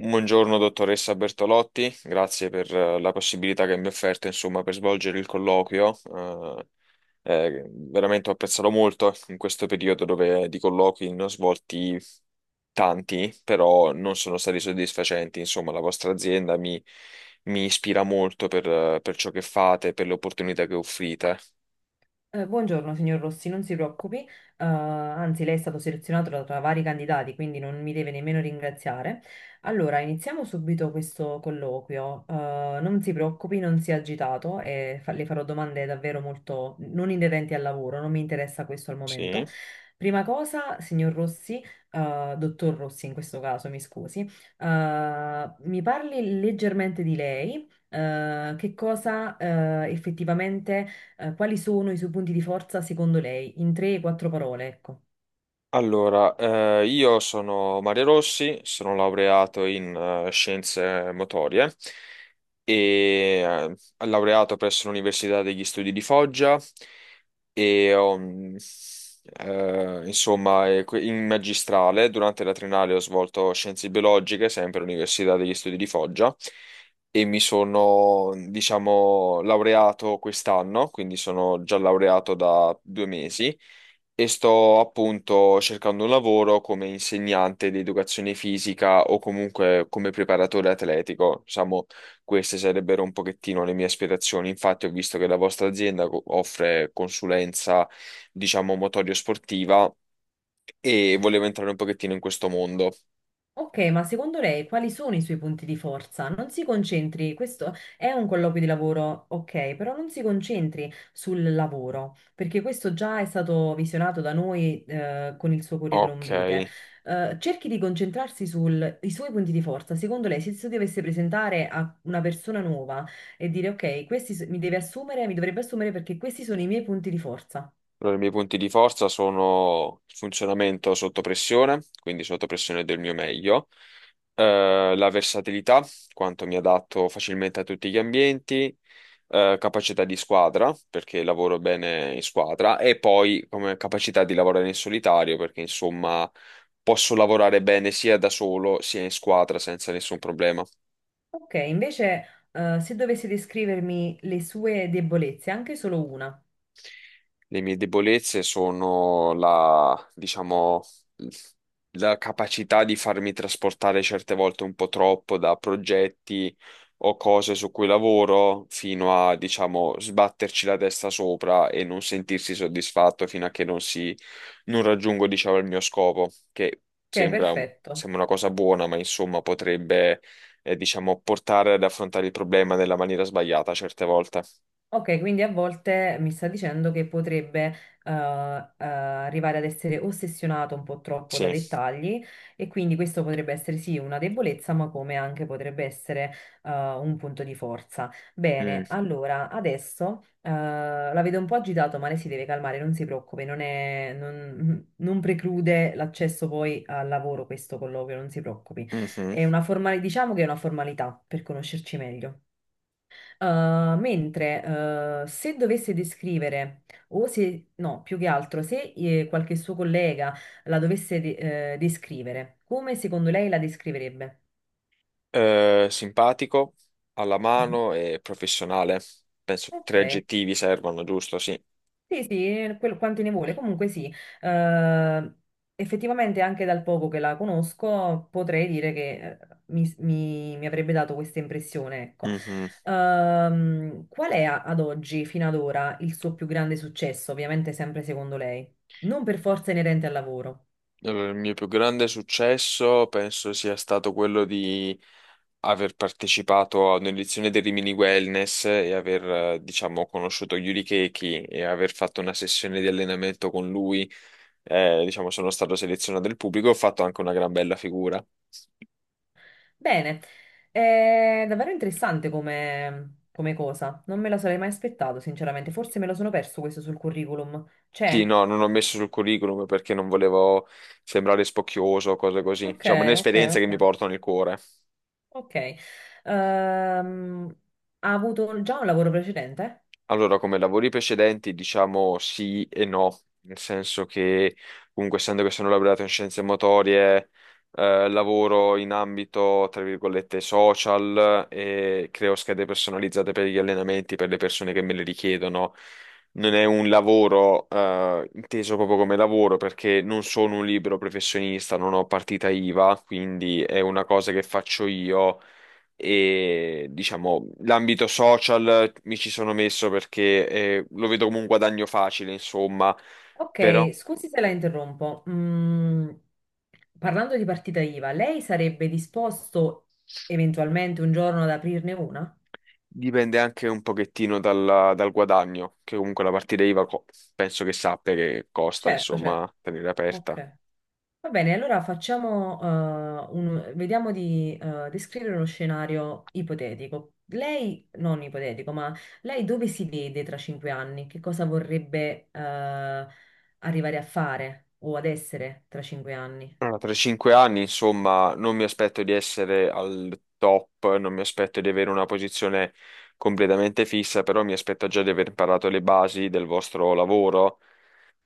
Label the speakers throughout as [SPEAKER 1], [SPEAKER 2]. [SPEAKER 1] Buongiorno dottoressa Bertolotti, grazie per la possibilità che mi ha offerto insomma, per svolgere il colloquio. Veramente ho apprezzato molto in questo periodo dove di colloqui ne ho svolti tanti, però non sono stati soddisfacenti. Insomma, la vostra azienda mi ispira molto per ciò che fate, per le opportunità che offrite.
[SPEAKER 2] Buongiorno signor Rossi, non si preoccupi, anzi lei è stato selezionato tra vari candidati, quindi non mi deve nemmeno ringraziare. Allora, iniziamo subito questo colloquio. Non si preoccupi, non sia agitato e le farò domande davvero molto non inerenti al lavoro, non mi interessa questo al
[SPEAKER 1] Sì.
[SPEAKER 2] momento. Prima cosa, signor Rossi, dottor Rossi in questo caso, mi scusi, mi parli leggermente di lei, che cosa, effettivamente quali sono i suoi punti di forza secondo lei? In tre, quattro parole, ecco.
[SPEAKER 1] Allora, io sono Mario Rossi, sono laureato in scienze motorie e laureato presso l'Università degli Studi di Foggia e ho, insomma, in magistrale durante la triennale ho svolto scienze biologiche, sempre all'Università degli Studi di Foggia e mi sono, diciamo, laureato quest'anno, quindi sono già laureato da 2 mesi e sto appunto cercando un lavoro come insegnante di educazione fisica o comunque come preparatore atletico. Diciamo, queste sarebbero un pochettino le mie aspirazioni. Infatti, ho visto che la vostra azienda offre consulenza, diciamo, motorio sportiva e volevo entrare un pochettino in questo mondo.
[SPEAKER 2] Ok, ma secondo lei quali sono i suoi punti di forza? Non si concentri, questo è un colloquio di lavoro, ok, però non si concentri sul lavoro, perché questo già è stato visionato da noi con il suo curriculum
[SPEAKER 1] Ok.
[SPEAKER 2] vitae. Cerchi di concentrarsi sui suoi punti di forza. Secondo lei, se si dovesse presentare a una persona nuova e dire ok, mi deve assumere, mi dovrebbe assumere perché questi sono i miei punti di forza.
[SPEAKER 1] Allora, i miei punti di forza sono il funzionamento sotto pressione, quindi sotto pressione del mio meglio, la versatilità, quanto mi adatto facilmente a tutti gli ambienti, capacità di squadra, perché lavoro bene in squadra, e poi come capacità di lavorare in solitario, perché insomma posso lavorare bene sia da solo sia in squadra senza nessun problema.
[SPEAKER 2] Ok, invece, se dovessi descrivermi le sue debolezze, anche solo una.
[SPEAKER 1] Le mie debolezze sono la, diciamo, la capacità di farmi trasportare certe volte un po' troppo da progetti o cose su cui lavoro fino a, diciamo, sbatterci la testa sopra e non sentirsi soddisfatto fino a che non si, non raggiungo, diciamo, il mio scopo, che
[SPEAKER 2] Ok,
[SPEAKER 1] sembra,
[SPEAKER 2] perfetto.
[SPEAKER 1] sembra una cosa buona, ma insomma potrebbe, diciamo, portare ad affrontare il problema nella maniera sbagliata certe volte.
[SPEAKER 2] Ok, quindi a volte mi sta dicendo che potrebbe arrivare ad essere ossessionato un po' troppo da
[SPEAKER 1] Sì.
[SPEAKER 2] dettagli e quindi questo potrebbe essere sì una debolezza, ma come anche potrebbe essere un punto di forza. Bene,
[SPEAKER 1] Mm.
[SPEAKER 2] allora adesso la vedo un po' agitato, ma lei si deve calmare, non si preoccupi, non non preclude l'accesso poi al lavoro questo colloquio, non si preoccupi.
[SPEAKER 1] Mhm.
[SPEAKER 2] È una formalità, diciamo che è una formalità per conoscerci meglio. Mentre se dovesse descrivere, o se no, più che altro, se qualche suo collega la dovesse descrivere, come secondo lei la descriverebbe?
[SPEAKER 1] Simpatico, alla
[SPEAKER 2] Mhm.
[SPEAKER 1] mano e professionale. Penso
[SPEAKER 2] Ok,
[SPEAKER 1] tre aggettivi servono, giusto? Sì.
[SPEAKER 2] sì, sì, quanti ne vuole. Comunque sì, eh, effettivamente anche dal poco che la conosco potrei dire che mi avrebbe dato questa impressione, ecco.
[SPEAKER 1] Mhm.
[SPEAKER 2] Qual è ad oggi, fino ad ora, il suo più grande successo? Ovviamente sempre secondo lei, non per forza inerente al lavoro.
[SPEAKER 1] Allora, il mio più grande successo penso sia stato quello di aver partecipato a un'edizione del Rimini Wellness e aver, diciamo, conosciuto Yuri Keki e aver fatto una sessione di allenamento con lui. Diciamo, sono stato selezionato del pubblico e ho fatto anche una gran bella figura.
[SPEAKER 2] Bene, è davvero interessante come, come cosa. Non me lo sarei mai aspettato, sinceramente. Forse me lo sono perso questo sul curriculum.
[SPEAKER 1] Sì,
[SPEAKER 2] C'è?
[SPEAKER 1] no, non l'ho messo sul curriculum perché non volevo sembrare spocchioso o cose così.
[SPEAKER 2] Ok,
[SPEAKER 1] Diciamo, è
[SPEAKER 2] ok,
[SPEAKER 1] un'esperienza che mi
[SPEAKER 2] ok.
[SPEAKER 1] porto nel cuore.
[SPEAKER 2] Ok, Ehm, ha avuto già un lavoro precedente?
[SPEAKER 1] Allora, come lavori precedenti, diciamo sì e no, nel senso che comunque essendo che sono laureato in scienze motorie, lavoro in ambito, tra virgolette, social e creo schede personalizzate per gli allenamenti per le persone che me le richiedono. Non è un lavoro, inteso proprio come lavoro perché non sono un libero professionista, non ho partita IVA, quindi è una cosa che faccio io e diciamo l'ambito social mi ci sono messo perché lo vedo come un guadagno facile, insomma, però
[SPEAKER 2] Ok, scusi se la interrompo. Parlando di partita IVA, lei sarebbe disposto eventualmente un giorno ad aprirne una?
[SPEAKER 1] dipende anche un pochettino dal guadagno, che comunque la partita IVA penso che sappia che costa,
[SPEAKER 2] Certo, certo.
[SPEAKER 1] insomma, tenere aperta.
[SPEAKER 2] Ok. Va bene, allora facciamo, vediamo di descrivere uno scenario ipotetico. Lei, non ipotetico, ma lei dove si vede tra cinque anni? Che cosa vorrebbe arrivare a fare o ad essere tra cinque anni?
[SPEAKER 1] Allora, tra i 5 anni, insomma, non mi aspetto di essere al top, non mi aspetto di avere una posizione completamente fissa, però mi aspetto già di aver imparato le basi del vostro lavoro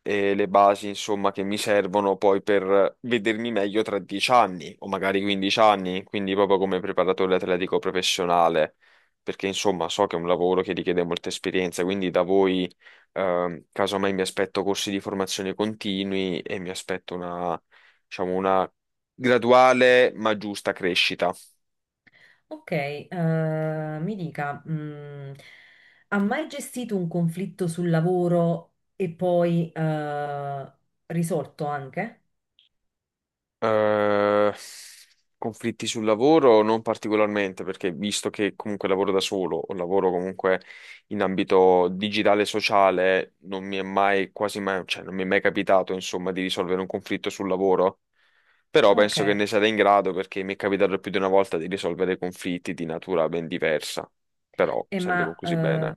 [SPEAKER 1] e le basi, insomma, che mi servono poi per vedermi meglio tra 10 anni o magari 15 anni, quindi proprio come preparatore atletico professionale, perché insomma so che è un lavoro che richiede molta esperienza, quindi da voi, casomai mi aspetto corsi di formazione continui e mi aspetto una, diciamo, una graduale ma giusta crescita.
[SPEAKER 2] Ok, mi dica, ha mai gestito un conflitto sul lavoro e poi risolto anche?
[SPEAKER 1] Eh, Conflitti sul lavoro non particolarmente, perché visto che comunque lavoro da solo o lavoro comunque in ambito digitale e sociale, non mi è mai quasi mai, cioè non mi è mai capitato, insomma, di risolvere un conflitto sul lavoro. Però
[SPEAKER 2] Ok,
[SPEAKER 1] penso che ne sarei in grado perché mi è capitato più di una volta di risolvere conflitti di natura ben diversa, però
[SPEAKER 2] e
[SPEAKER 1] sempre
[SPEAKER 2] ma
[SPEAKER 1] conclusi bene.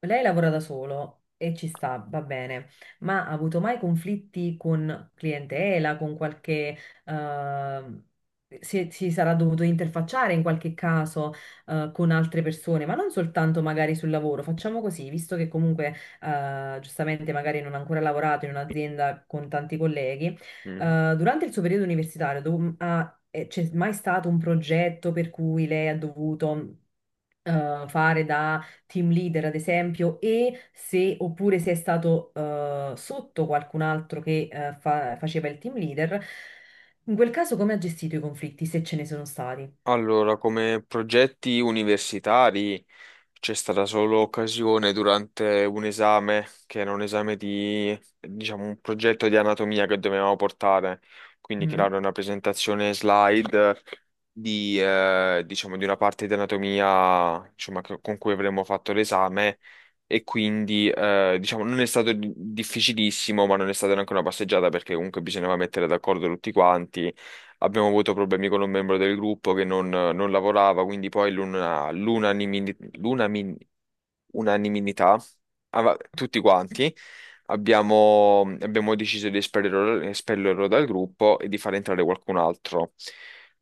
[SPEAKER 2] lei lavora da solo e ci sta, va bene, ma ha avuto mai conflitti con clientela, con qualche... ehm, si, si sarà dovuto interfacciare in qualche caso, con altre persone, ma non soltanto magari sul lavoro. Facciamo così, visto che comunque, giustamente magari non ha ancora lavorato in un'azienda con tanti colleghi,
[SPEAKER 1] Mm.
[SPEAKER 2] durante il suo periodo universitario c'è mai stato un progetto per cui lei ha dovuto fare da team leader, ad esempio, e se oppure se è stato sotto qualcun altro che faceva il team leader, in quel caso come ha gestito i conflitti, se ce ne sono stati?
[SPEAKER 1] Allora, come progetti universitari. C'è stata solo occasione durante un esame, che era un esame di, diciamo, un progetto di anatomia che dovevamo portare, quindi
[SPEAKER 2] Mm.
[SPEAKER 1] creare una presentazione slide di, diciamo, di una parte di anatomia, insomma, con cui avremmo fatto l'esame e quindi, diciamo, non è stato difficilissimo, ma non è stata neanche una passeggiata perché comunque bisognava mettere d'accordo tutti quanti. Abbiamo avuto problemi con un membro del gruppo che non lavorava, quindi poi unanimità, tutti quanti, abbiamo deciso di espellerlo, espellerlo dal gruppo e di far entrare qualcun altro.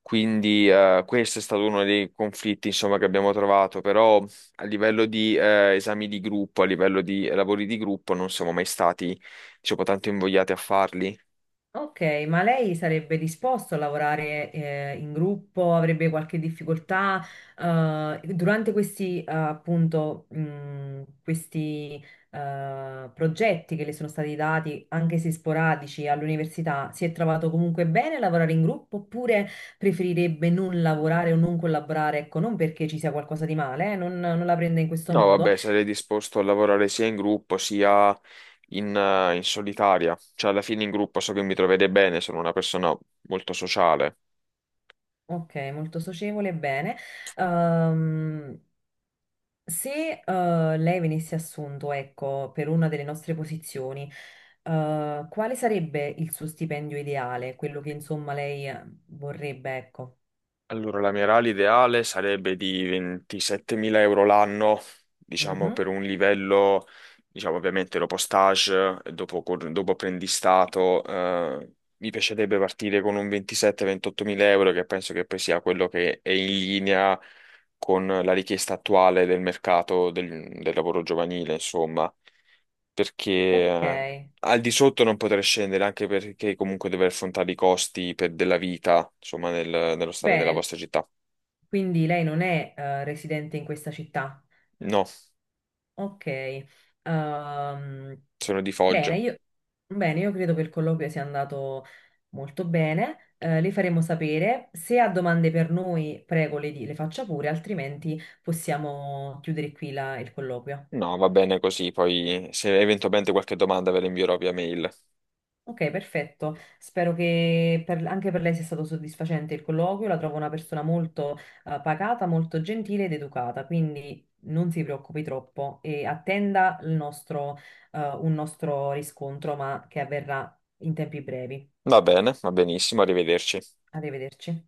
[SPEAKER 1] Quindi questo è stato uno dei conflitti, insomma, che abbiamo trovato, però a livello di esami di gruppo, a livello di lavori di gruppo, non siamo mai stati, diciamo, tanto invogliati a farli.
[SPEAKER 2] Ok, ma lei sarebbe disposto a lavorare in gruppo? Avrebbe qualche difficoltà? Durante questi, appunto, questi progetti che le sono stati dati, anche se sporadici, all'università, si è trovato comunque bene a lavorare in gruppo oppure preferirebbe non lavorare o non collaborare? Ecco, non perché ci sia qualcosa di male, non non la prende in questo
[SPEAKER 1] No,
[SPEAKER 2] modo.
[SPEAKER 1] vabbè, sarei disposto a lavorare sia in gruppo sia in solitaria. Cioè, alla fine in gruppo so che mi troverei bene, sono una persona molto sociale.
[SPEAKER 2] Ok, molto socievole, bene. Ehm, Se lei venisse assunto, ecco, per una delle nostre posizioni, quale sarebbe il suo stipendio ideale? Quello che insomma lei vorrebbe, ecco.
[SPEAKER 1] Allora, la mia RAL ideale sarebbe di 27.000 euro l'anno, diciamo
[SPEAKER 2] Mhm.
[SPEAKER 1] per un livello, diciamo ovviamente dopo stage, dopo apprendistato, mi piacerebbe partire con un 27-28.000 euro che penso che poi sia quello che è in linea con la richiesta attuale del mercato del lavoro giovanile, insomma, perché
[SPEAKER 2] Ok,
[SPEAKER 1] eh, al di sotto non potrei scendere, anche perché comunque deve affrontare i costi della vita, insomma, nello stare nella
[SPEAKER 2] bene.
[SPEAKER 1] vostra città.
[SPEAKER 2] Quindi lei non è residente in questa città.
[SPEAKER 1] No,
[SPEAKER 2] Ok. Ehm,
[SPEAKER 1] sono di
[SPEAKER 2] Bene,
[SPEAKER 1] Foggia.
[SPEAKER 2] io, bene, io credo che il colloquio sia andato molto bene. Le faremo sapere. Se ha domande per noi, prego, le faccia pure, altrimenti possiamo chiudere qui il colloquio.
[SPEAKER 1] No, va bene così, poi se eventualmente qualche domanda ve la invierò via mail.
[SPEAKER 2] Ok, perfetto. Spero che anche per lei sia stato soddisfacente il colloquio. La trovo una persona molto, pacata, molto gentile ed educata, quindi non si preoccupi troppo e attenda un nostro riscontro, ma che avverrà in tempi brevi.
[SPEAKER 1] Va bene, va benissimo, arrivederci.
[SPEAKER 2] Arrivederci.